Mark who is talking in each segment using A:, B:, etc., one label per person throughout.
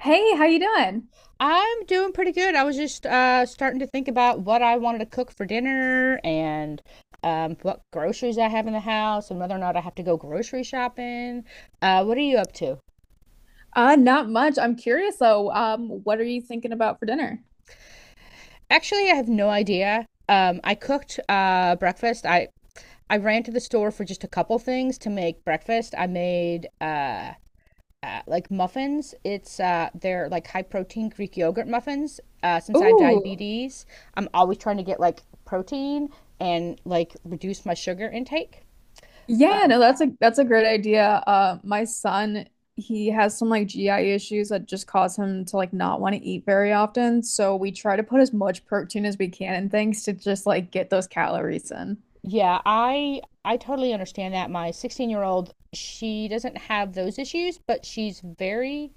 A: Hey, how you doing?
B: I'm doing pretty good. I was just starting to think about what I wanted to cook for dinner and what groceries I have in the house and whether or not I have to go grocery shopping. What are you up to?
A: Not much. I'm curious though. What are you thinking about for dinner?
B: Actually, I have no idea. I cooked breakfast. I ran to the store for just a couple things to make breakfast. I made like muffins. It's They're like high protein Greek yogurt muffins. Since I have
A: Ooh.
B: diabetes, I'm always trying to get like protein and like reduce my sugar intake. Uh,
A: Yeah, no, that's a great idea. My son, he has some like GI issues that just cause him to like not want to eat very often. So we try to put as much protein as we can in things to just like get those calories in.
B: yeah, I totally understand that. My 16-year-old, she doesn't have those issues, but she's very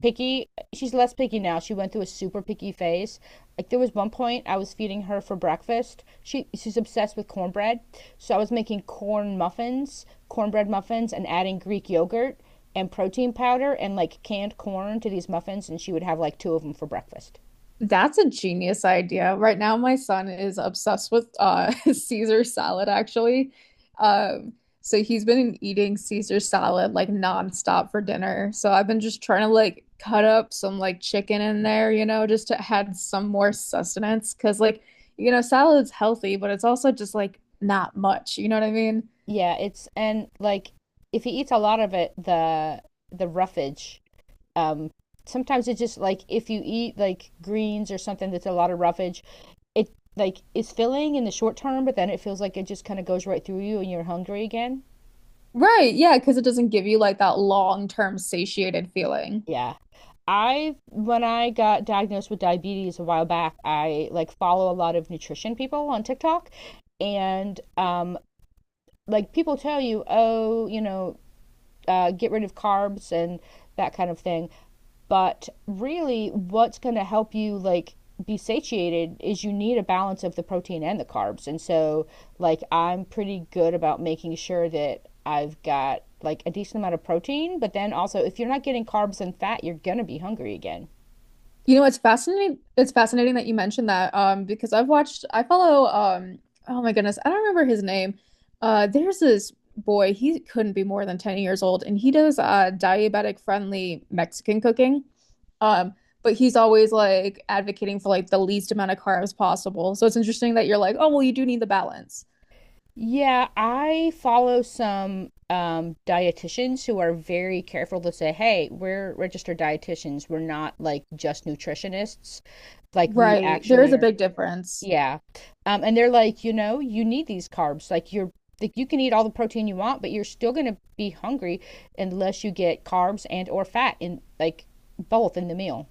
B: picky. She's less picky now. She went through a super picky phase. Like there was one point I was feeding her for breakfast. She's obsessed with cornbread. So I was making corn muffins, cornbread muffins and adding Greek yogurt and protein powder and like canned corn to these muffins, and she would have like two of them for breakfast.
A: That's a genius idea. Right now, my son is obsessed with Caesar salad, actually. Um, so he's been eating Caesar salad like nonstop for dinner. So I've been just trying to like cut up some like chicken in there, you know, just to add some more sustenance. Cause like, salad's healthy, but it's also just like not much. You know what I mean?
B: Yeah, it's, and like if he eats a lot of it, the roughage, um, sometimes it's just like if you eat like greens or something that's a lot of roughage, it like is filling in the short term, but then it feels like it just kind of goes right through you and you're hungry again.
A: Right. Yeah. Cause it doesn't give you like that long-term satiated feeling.
B: Yeah. I When I got diagnosed with diabetes a while back, I like follow a lot of nutrition people on TikTok and like people tell you, oh, you know, get rid of carbs and that kind of thing. But really, what's going to help you like be satiated is you need a balance of the protein and the carbs. And so, like, I'm pretty good about making sure that I've got like a decent amount of protein, but then also if you're not getting carbs and fat, you're going to be hungry again.
A: You know, it's fascinating. It's fascinating that you mentioned that, because I've watched, I follow, oh my goodness, I don't remember his name. There's this boy, he couldn't be more than 10 years old, and he does diabetic friendly Mexican cooking. Um, but he's always like advocating for like the least amount of carbs possible. So it's interesting that you're like, oh, well, you do need the balance.
B: Yeah, I follow some dietitians who are very careful to say, "Hey, we're registered dietitians. We're not like just nutritionists. Like we
A: Right. There
B: actually
A: is a
B: are."
A: big difference.
B: Yeah, and they're like, you know, you need these carbs. Like you can eat all the protein you want, but you're still gonna be hungry unless you get carbs and or fat in like both in the meal.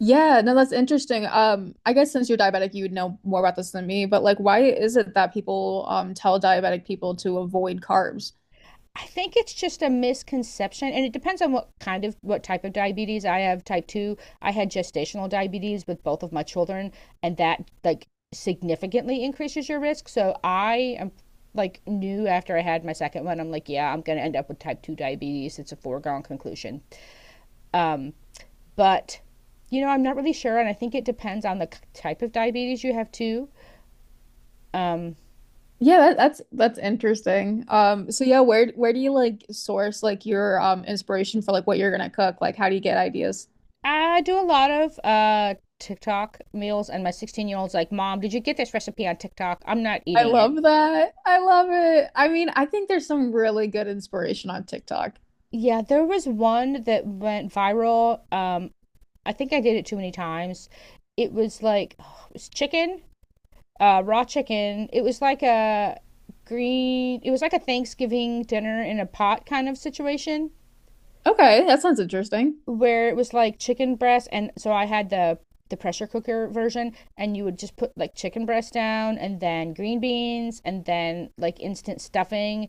A: Yeah, no, that's interesting. I guess since you're diabetic, you would know more about this than me, but like, why is it that people tell diabetic people to avoid carbs?
B: I think it's just a misconception, and it depends on what type of diabetes I have. Type two, I had gestational diabetes with both of my children, and that like significantly increases your risk. So I am like knew after I had my second one, I'm like, yeah, I'm gonna end up with type two diabetes. It's a foregone conclusion. Um, but you know, I'm not really sure, and I think it depends on the type of diabetes you have too. Um,
A: Yeah, that's interesting. So yeah, where do you like source like your inspiration for like what you're gonna cook? Like, how do you get ideas?
B: I do a lot of TikTok meals, and my 16-year-old's like, "Mom, did you get this recipe on TikTok? I'm not
A: I
B: eating it."
A: love that. I love it. I mean, I think there's some really good inspiration on TikTok.
B: Yeah, there was one that went viral. I think I did it too many times. It was like, oh, it was chicken, raw chicken. It was like it was like a Thanksgiving dinner in a pot kind of situation,
A: Okay, that sounds interesting.
B: where it was like chicken breast, and so I had the pressure cooker version and you would just put like chicken breast down and then green beans and then like instant stuffing,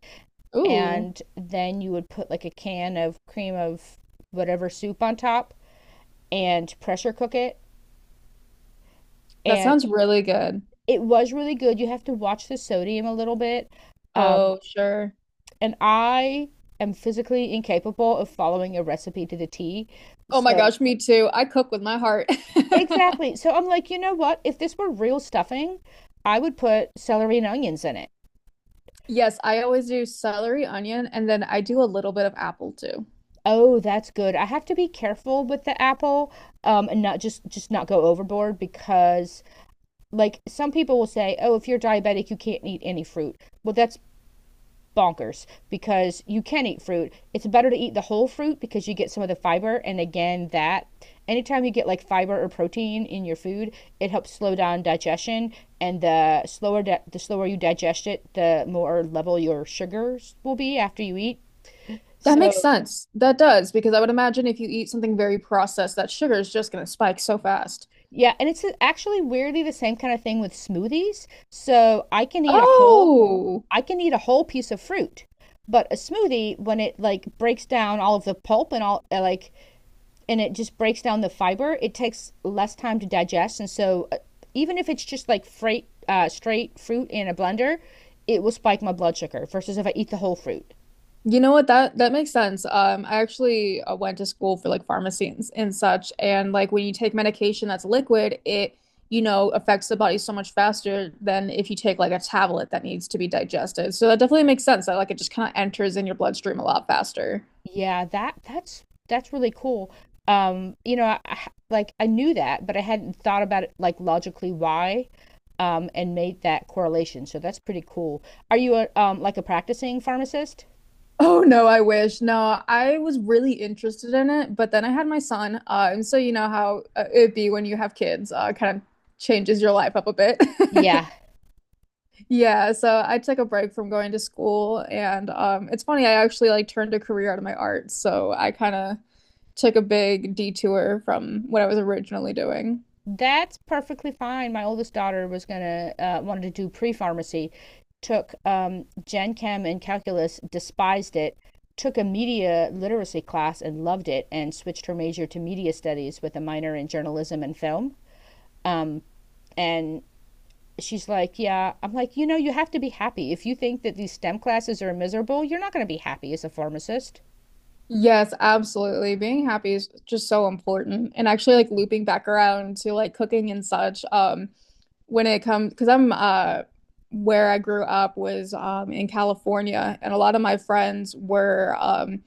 A: Ooh,
B: and then you would put like a can of cream of whatever soup on top and pressure cook it,
A: that
B: and
A: sounds really good.
B: it was really good. You have to watch the sodium a little bit. Um,
A: Oh, sure.
B: and I am physically incapable of following a recipe to the T.
A: Oh my
B: So
A: gosh, me too. I cook with my heart.
B: exactly. So I'm like, you know what? If this were real stuffing, I would put celery and onions in it.
A: Yes, I always do celery, onion, and then I do a little bit of apple too.
B: Oh, that's good. I have to be careful with the apple, and not just not go overboard because like some people will say, "Oh, if you're diabetic, you can't eat any fruit." Well, that's bonkers because you can eat fruit. It's better to eat the whole fruit because you get some of the fiber. And again, that anytime you get like fiber or protein in your food, it helps slow down digestion. And the the slower you digest it, the more level your sugars will be after you eat.
A: That
B: So
A: makes sense. That does, because I would imagine if you eat something very processed, that sugar is just going to spike so fast.
B: yeah, and it's actually weirdly the same kind of thing with smoothies. So
A: Oh.
B: I can eat a whole piece of fruit. But a smoothie, when it like breaks down all of the pulp and all and it just breaks down the fiber, it takes less time to digest. And so, even if it's just like straight fruit in a blender, it will spike my blood sugar versus if I eat the whole fruit.
A: You know what? That makes sense. I actually went to school for like pharmacy and such, and like when you take medication that's liquid, it you know affects the body so much faster than if you take like a tablet that needs to be digested. So that definitely makes sense that like it just kind of enters in your bloodstream a lot faster.
B: Yeah, that's really cool. You know, like I knew that, but I hadn't thought about it like logically why, and made that correlation. So that's pretty cool. Are you like a practicing pharmacist?
A: Oh no, I wish. No, I was really interested in it, but then I had my son. And so you know how it'd be when you have kids, kind of changes your life up a bit.
B: Yeah,
A: Yeah, so I took a break from going to school, and it's funny, I actually like turned a career out of my art, so I kind of took a big detour from what I was originally doing.
B: that's perfectly fine. My oldest daughter was gonna wanted to do pre pharmacy, took Gen Chem and calculus, despised it, took a media literacy class and loved it, and switched her major to media studies with a minor in journalism and film. Um, and she's like, "Yeah," I'm like, you know, you have to be happy. If you think that these STEM classes are miserable, you're not going to be happy as a pharmacist.
A: Yes, absolutely. Being happy is just so important. And actually like looping back around to like cooking and such, when it comes because I'm where I grew up was in California and a lot of my friends were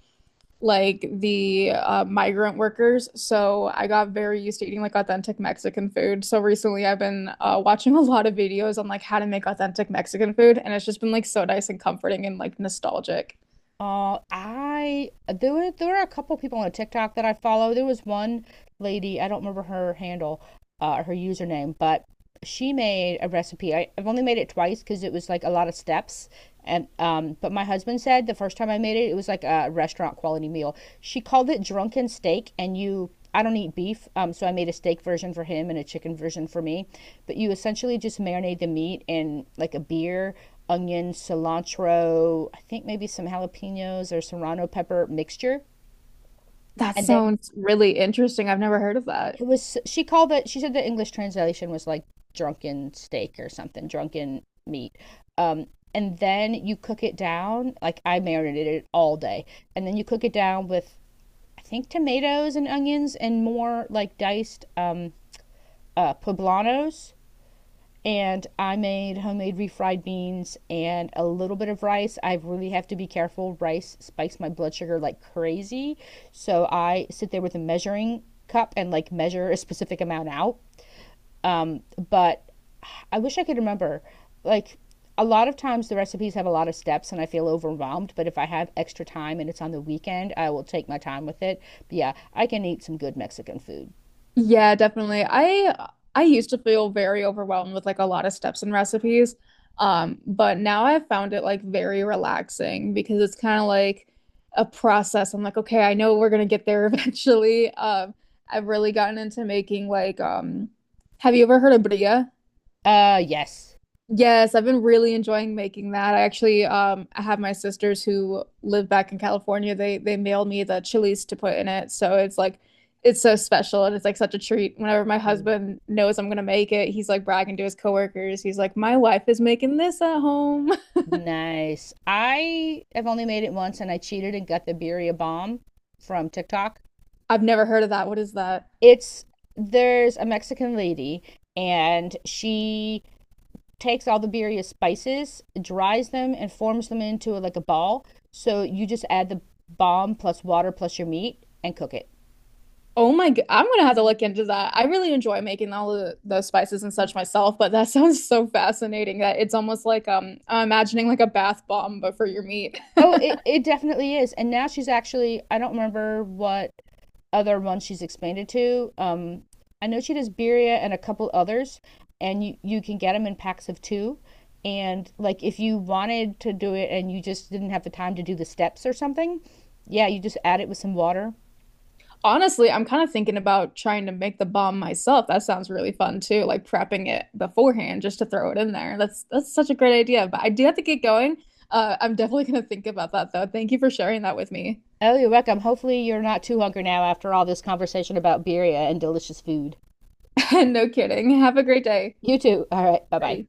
A: like the migrant workers. So I got very used to eating like authentic Mexican food. So recently I've been watching a lot of videos on like how to make authentic Mexican food, and it's just been like so nice and comforting and like nostalgic.
B: I there were a couple people on TikTok that I follow. There was one lady, I don't remember her handle, her username, but she made a recipe. I've only made it twice because it was like a lot of steps. And but my husband said the first time I made it, it was like a restaurant quality meal. She called it drunken steak, and you. I don't eat beef, so I made a steak version for him and a chicken version for me. But you essentially just marinate the meat in like a beer, onion, cilantro, I think maybe some jalapenos or serrano pepper mixture,
A: That
B: and then
A: sounds really interesting. I've never heard of that.
B: it was she called it she said the English translation was like drunken steak or something, drunken meat. um and then you cook it down, like I marinated it all day, and then you cook it down with, I think, tomatoes and onions and more like diced poblanos. And I made homemade refried beans and a little bit of rice. I really have to be careful. Rice spikes my blood sugar like crazy, so I sit there with a measuring cup and like measure a specific amount out. um, but I wish I could remember. Like a lot of times the recipes have a lot of steps and I feel overwhelmed, but if I have extra time and it's on the weekend, I will take my time with it. But yeah, I can eat some good Mexican food.
A: Yeah, definitely. I used to feel very overwhelmed with like a lot of steps and recipes. But now I've found it like very relaxing because it's kind of like a process. I'm like, okay, I know we're gonna get there eventually. I've really gotten into making like have you ever heard of bria?
B: Yes.
A: Yes, I've been really enjoying making that. I actually I have my sisters who live back in California. They mailed me the chilies to put in it. So it's like it's so special and it's like such a treat. Whenever my husband knows I'm gonna make it, he's like bragging to his coworkers. He's like, "My wife is making this at home."
B: Nice. I have only made it once and I cheated and got the birria bomb from TikTok.
A: I've never heard of that. What is that?
B: It's There's a Mexican lady, and she takes all the birria spices, dries them, and forms them into like a ball. So you just add the balm plus water plus your meat and cook it.
A: Oh my God, I'm gonna have to look into that. I really enjoy making all the spices and such myself, but that sounds so fascinating that it's almost like I'm imagining like a bath bomb but for your meat.
B: Oh, it definitely is. And now she's actually, I don't remember what other ones she's expanded to. I know she does birria and a couple others, and you can get them in packs of two. And like if you wanted to do it and you just didn't have the time to do the steps or something, yeah, you just add it with some water.
A: Honestly, I'm kind of thinking about trying to make the bomb myself. That sounds really fun too, like prepping it beforehand just to throw it in there. That's such a great idea, but I do have to get going. I'm definitely gonna think about that though. Thank you for sharing that with me.
B: Oh, you're welcome. Hopefully you're not too hungry now after all this conversation about birria and delicious food.
A: No kidding. Have a great day.
B: You too. All right. Bye bye.
A: Bye.